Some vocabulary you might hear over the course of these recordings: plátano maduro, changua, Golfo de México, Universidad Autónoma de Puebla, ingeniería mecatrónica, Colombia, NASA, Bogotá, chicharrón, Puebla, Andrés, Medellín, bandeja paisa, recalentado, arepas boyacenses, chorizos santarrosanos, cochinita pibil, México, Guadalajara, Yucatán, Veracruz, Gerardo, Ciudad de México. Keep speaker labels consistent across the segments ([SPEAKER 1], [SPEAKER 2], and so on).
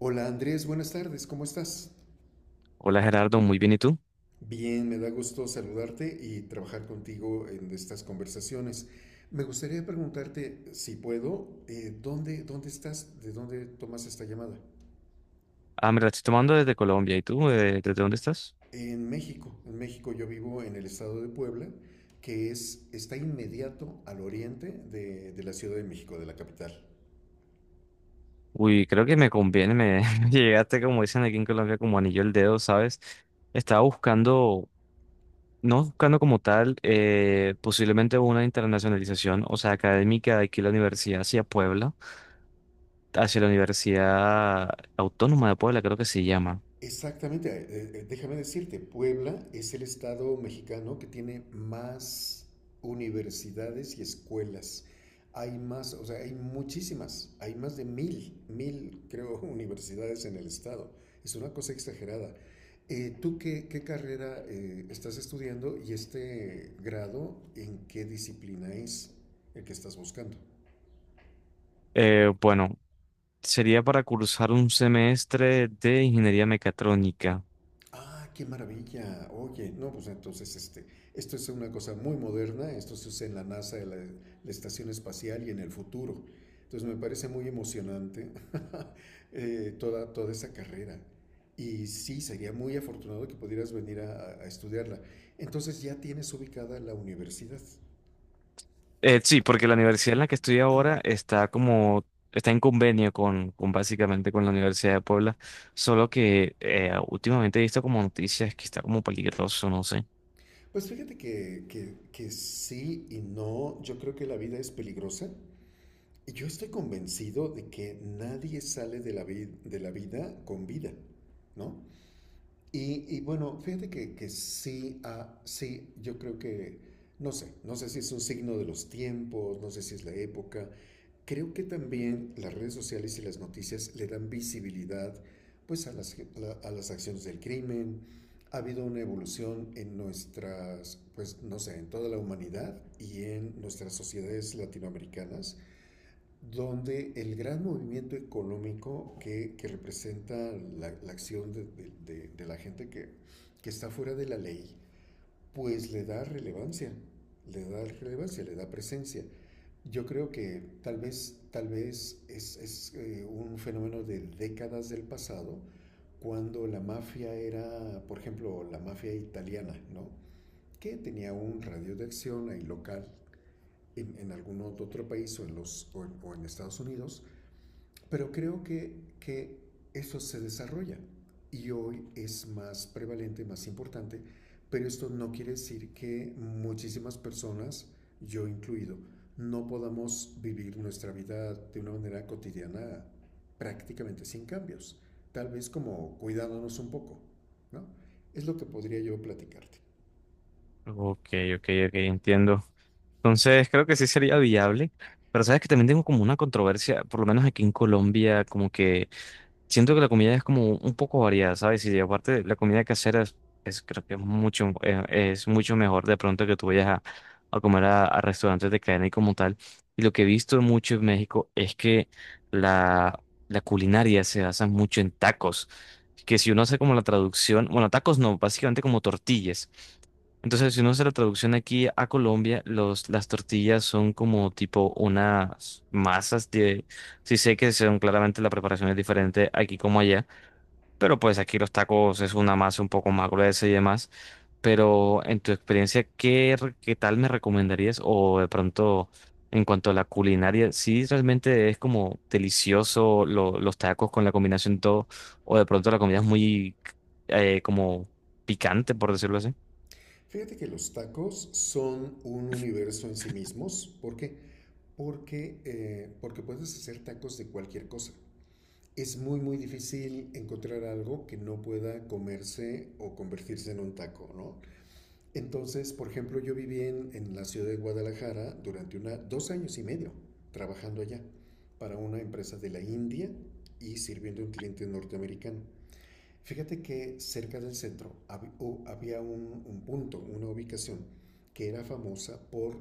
[SPEAKER 1] Hola Andrés, buenas tardes, ¿cómo estás?
[SPEAKER 2] Hola Gerardo, muy bien, ¿y tú?
[SPEAKER 1] Bien, me da gusto saludarte y trabajar contigo en estas conversaciones. Me gustaría preguntarte, si puedo, ¿dónde estás? ¿De dónde tomas esta llamada?
[SPEAKER 2] Ah, me la estoy tomando desde Colombia, ¿y tú? ¿Desde dónde estás?
[SPEAKER 1] En México. En México yo vivo en el estado de Puebla, está inmediato al oriente de la Ciudad de México, de la capital.
[SPEAKER 2] Uy, creo que me conviene, me llegaste, como dicen aquí en Colombia, como anillo al dedo, ¿sabes? Estaba buscando, no buscando como tal, posiblemente una internacionalización, o sea, académica de aquí la universidad hacia Puebla, hacia la Universidad Autónoma de Puebla, creo que se llama.
[SPEAKER 1] Exactamente, déjame decirte, Puebla es el estado mexicano que tiene más universidades y escuelas. Hay más, o sea, hay muchísimas, hay más de mil, creo, universidades en el estado. Es una cosa exagerada. ¿Tú qué carrera estás estudiando y este grado en qué disciplina es el que estás buscando?
[SPEAKER 2] Bueno, sería para cursar un semestre de ingeniería mecatrónica.
[SPEAKER 1] Ah, qué maravilla. Oye, no, pues esto es una cosa muy moderna, esto se usa en la NASA, en la estación espacial y en el futuro. Entonces me parece muy emocionante toda esa carrera. Y sí, sería muy afortunado que pudieras venir a, a estudiarla. Entonces ya tienes ubicada la universidad.
[SPEAKER 2] Sí, porque la universidad en la que estoy ahora está como, está en convenio con básicamente con la Universidad de Puebla, solo que últimamente he visto como noticias que está como peligroso, no sé.
[SPEAKER 1] Pues fíjate que sí y no, yo creo que la vida es peligrosa. Yo estoy convencido de que nadie sale de la, de la vida con vida, ¿no? Y bueno, fíjate que sí, ah, sí, yo creo que, no sé, no sé si es un signo de los tiempos, no sé si es la época. Creo que también las redes sociales y las noticias le dan visibilidad, pues, a a las acciones del crimen. Ha habido una evolución en nuestras, pues, no sé, en toda la humanidad y en nuestras sociedades latinoamericanas donde el gran movimiento económico que representa la acción de, de la gente que está fuera de la ley, pues le da relevancia, le da relevancia, le da presencia. Yo creo que tal vez, tal vez es un fenómeno de décadas del pasado, cuando la mafia era, por ejemplo, la mafia italiana, ¿no? Que tenía un radio de acción ahí local en algún otro país o en, los, o en Estados Unidos, pero creo que eso se desarrolla y hoy es más prevalente, más importante, pero esto no quiere decir que muchísimas personas, yo incluido, no podamos vivir nuestra vida de una manera cotidiana prácticamente sin cambios, tal vez como cuidándonos un poco, ¿no? Es lo que podría yo platicarte.
[SPEAKER 2] Ok, ok, ok, entiendo. Entonces creo que sí sería viable, pero sabes que también tengo como una controversia, por lo menos aquí en Colombia, como que siento que la comida es como un poco variada, ¿sabes? Y aparte la comida casera es- creo que es mucho mejor de pronto que tú vayas a comer a restaurantes de cadena y como tal. Y lo que he visto mucho en México es que la, la culinaria se basa mucho en tacos. Que si uno hace como la traducción, bueno, tacos no, básicamente como tortillas. Entonces, si uno hace la traducción aquí a Colombia, los, las tortillas son como tipo unas masas de... Sí sé que son claramente la preparación es diferente aquí como allá, pero pues aquí los tacos es una masa un poco más gruesa y demás. Pero en tu experiencia, ¿qué, re- qué tal me recomendarías? O de pronto, en cuanto a la culinaria, ¿sí realmente es como delicioso lo- los tacos con la combinación todo? ¿O de pronto la comida es muy como picante, por decirlo así?
[SPEAKER 1] Fíjate que los tacos son un universo en sí mismos, ¿por qué? Porque, porque puedes hacer tacos de cualquier cosa. Es muy difícil encontrar algo que no pueda comerse o convertirse en un taco, ¿no? Entonces, por ejemplo, yo viví en la ciudad de Guadalajara durante dos años y medio trabajando allá para una empresa de la India y sirviendo a un cliente norteamericano. Fíjate que cerca del centro hab- o había un punto, una ubicación que era famosa por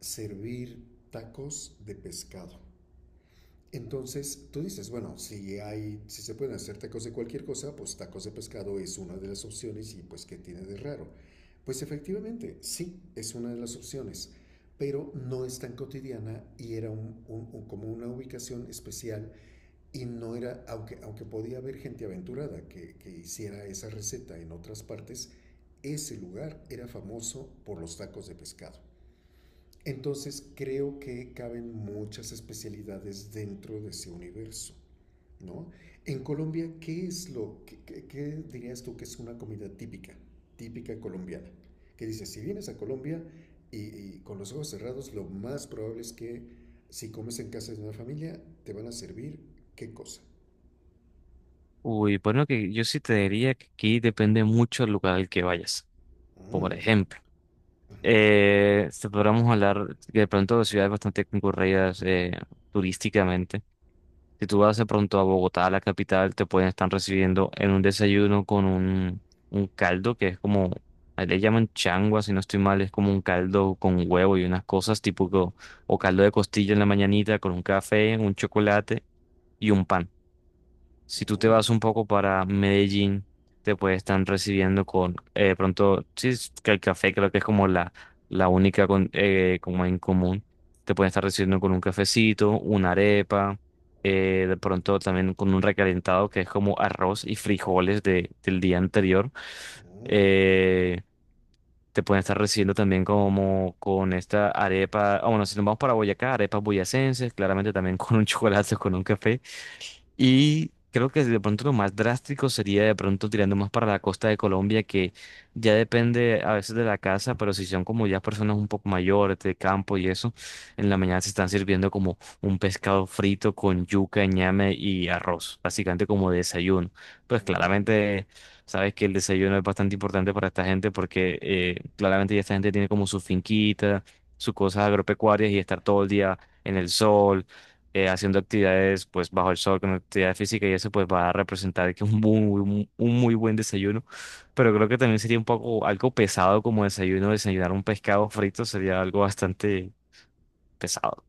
[SPEAKER 1] servir tacos de pescado. Entonces tú dices, bueno, si se pueden hacer tacos de cualquier cosa, pues tacos de pescado es una de las opciones y pues ¿qué tiene de raro? Pues efectivamente, sí, es una de las opciones, pero no es tan cotidiana y era como una ubicación especial y no era, aunque podía haber gente aventurada que hiciera esa receta en otras partes, ese lugar era famoso por los tacos de pescado. Entonces creo que caben muchas especialidades dentro de ese universo. ¿No? En Colombia, ¿qué es qué dirías tú que es una comida típica, típica colombiana? Que dices, si vienes a Colombia y, y con los ojos cerrados, lo más probable es que si comes en casa de una familia, te van a servir qué cosa.
[SPEAKER 2] Uy, bueno, que yo sí te diría que aquí depende mucho del lugar al que vayas. Por
[SPEAKER 1] Mm,
[SPEAKER 2] ejemplo, te podríamos hablar que de pronto de ciudades bastante concurridas turísticamente. Si tú vas de pronto a Bogotá, la capital, te pueden estar recibiendo en un desayuno con un caldo que es como, ahí le llaman changua, si no estoy mal, es como un caldo con huevo y unas cosas tipo, o caldo de costilla en la mañanita con un café, un chocolate y un pan. Si tú te
[SPEAKER 1] mm,
[SPEAKER 2] vas un poco para Medellín, te puede estar recibiendo con, pronto, sí, es que el café creo que es como la única con- como en común. Te pueden estar recibiendo con un cafecito, una arepa, de pronto también con un recalentado que es como arroz y frijoles de, del día anterior.
[SPEAKER 1] mm,
[SPEAKER 2] Eh, te pueden estar recibiendo también como con esta arepa, ah, bueno, si nos vamos para Boyacá, arepas boyacenses, claramente también con un chocolate, con un café. Y creo que de pronto lo más drástico sería de pronto tirando más para la costa de Colombia, que ya depende a veces de la casa, pero si son como ya personas un poco mayores de campo y eso, en la mañana se están sirviendo como un pescado frito con yuca, ñame y arroz, básicamente como desayuno. Pues
[SPEAKER 1] mm.
[SPEAKER 2] claramente sabes que el desayuno es bastante importante para esta gente porque claramente ya esta gente tiene como su finquita, sus cosas agropecuarias y estar todo el día en el sol haciendo actividades pues bajo el sol con actividad física y eso pues va a representar que un muy, muy- un muy buen desayuno. Pero creo que también sería un poco algo pesado como desayuno, desayunar un pescado frito sería algo bastante pesado.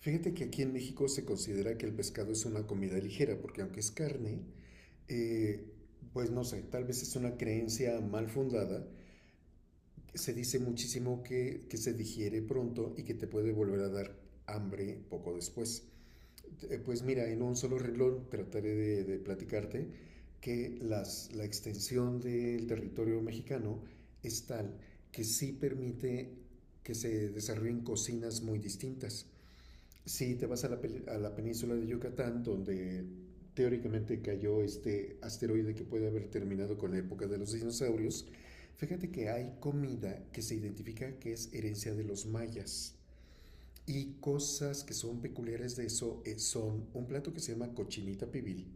[SPEAKER 1] Fíjate que aquí en México se considera que el pescado es una comida ligera, porque aunque es carne, eh, pues no sé, tal vez es una creencia mal fundada. Se dice muchísimo que se digiere pronto y que te puede volver a dar hambre poco después. Pues mira, en un solo renglón trataré de platicarte que la extensión del territorio mexicano es tal que sí permite que se desarrollen cocinas muy distintas. Sí, te vas a a la península de Yucatán, donde teóricamente cayó este asteroide que puede haber terminado con la época de los dinosaurios. Fíjate que hay comida que se identifica que es herencia de los mayas. Y cosas que son peculiares de eso son un plato que se llama cochinita pibil,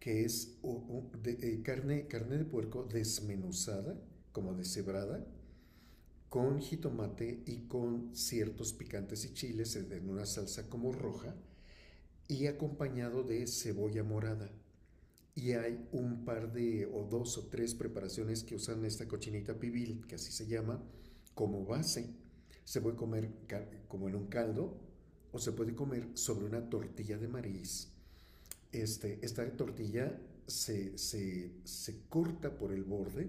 [SPEAKER 1] que es carne de puerco desmenuzada, como deshebrada, con jitomate y con ciertos picantes y chiles en una salsa como roja y acompañado de cebolla morada. Y hay un par de o dos o tres preparaciones que usan esta cochinita pibil, que así se llama, como base. Se puede comer como en un caldo o se puede comer sobre una tortilla de maíz. Este, esta tortilla se corta por el borde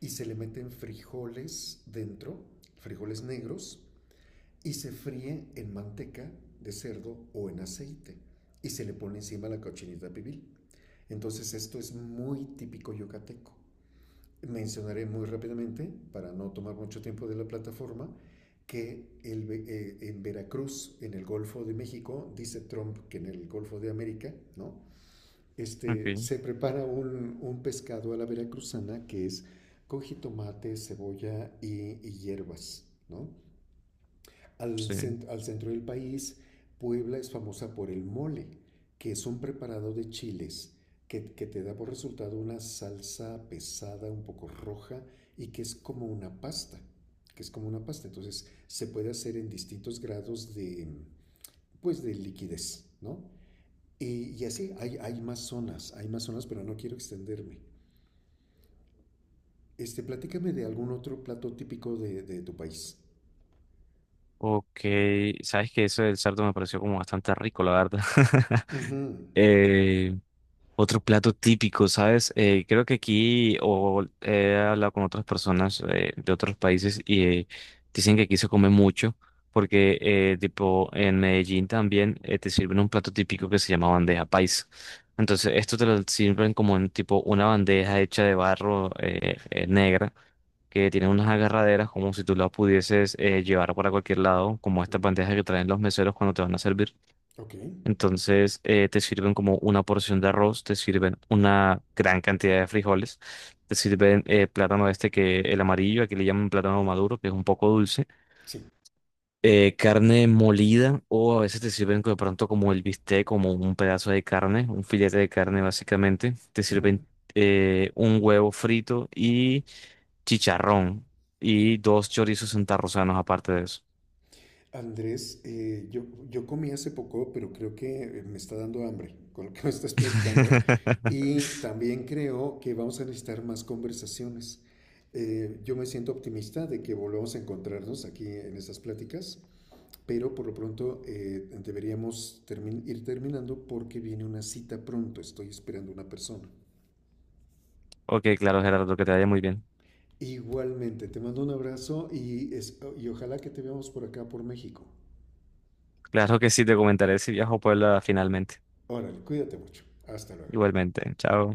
[SPEAKER 1] y se le meten frijoles dentro, frijoles negros, y se fríe en manteca de cerdo o en aceite y se le pone encima la cochinita pibil. Entonces esto es muy típico yucateco. Mencionaré muy rápidamente, para no tomar mucho tiempo de la plataforma, que en Veracruz, en el Golfo de México, dice Trump que en el Golfo de América, ¿no? Este,
[SPEAKER 2] Okay,
[SPEAKER 1] se prepara un pescado a la veracruzana que es con jitomate, cebolla y hierbas, ¿no?
[SPEAKER 2] sí.
[SPEAKER 1] Al centro del país, Puebla es famosa por el mole, que es un preparado de chiles que te da por resultado una salsa pesada, un poco roja, y que es como una pasta, que es como una pasta. Entonces se puede hacer en distintos grados de, pues, de liquidez, ¿no? Y así hay, hay más zonas, pero no quiero extenderme. Este, platícame de algún otro plato típico de tu país.
[SPEAKER 2] Ok, sabes que eso del cerdo me pareció como bastante rico, la verdad.
[SPEAKER 1] Ujú.
[SPEAKER 2] Eh, otro plato típico, ¿sabes? Creo que aquí, o he hablado con otras personas de otros países y dicen que aquí se come mucho, porque tipo en Medellín también te sirven un plato típico que se llama bandeja paisa. Entonces, esto te lo sirven como en tipo una bandeja hecha de barro negra, que tiene unas agarraderas como si tú la pudieses llevar para cualquier lado, como estas
[SPEAKER 1] Mm,
[SPEAKER 2] bandejas que traen los meseros cuando te van a servir.
[SPEAKER 1] ok,
[SPEAKER 2] Entonces te sirven como una porción de arroz, te sirven una gran cantidad de frijoles, te sirven plátano este que el amarillo, aquí le llaman plátano maduro, que es un poco dulce,
[SPEAKER 1] sí.
[SPEAKER 2] carne molida o a veces te sirven de pronto como el bistec, como un pedazo de carne, un filete de carne básicamente, te sirven
[SPEAKER 1] Ujú.
[SPEAKER 2] un huevo frito y chicharrón y dos chorizos santarrosanos aparte de eso.
[SPEAKER 1] Andrés, yo comí hace poco, pero creo que me está dando hambre con lo que me estás platicando. Y también creo que vamos a necesitar más conversaciones. Yo me siento optimista de que volvamos a encontrarnos aquí en estas pláticas, pero por lo pronto ir terminando porque viene una cita pronto. Estoy esperando una persona.
[SPEAKER 2] Ok, claro, Gerardo, que te vaya muy bien.
[SPEAKER 1] Igualmente, te mando un abrazo y, y ojalá que te veamos por acá, por México.
[SPEAKER 2] Claro que sí, te comentaré si viajo a Puebla finalmente.
[SPEAKER 1] Órale, cuídate mucho. Hasta luego.
[SPEAKER 2] Igualmente, chao.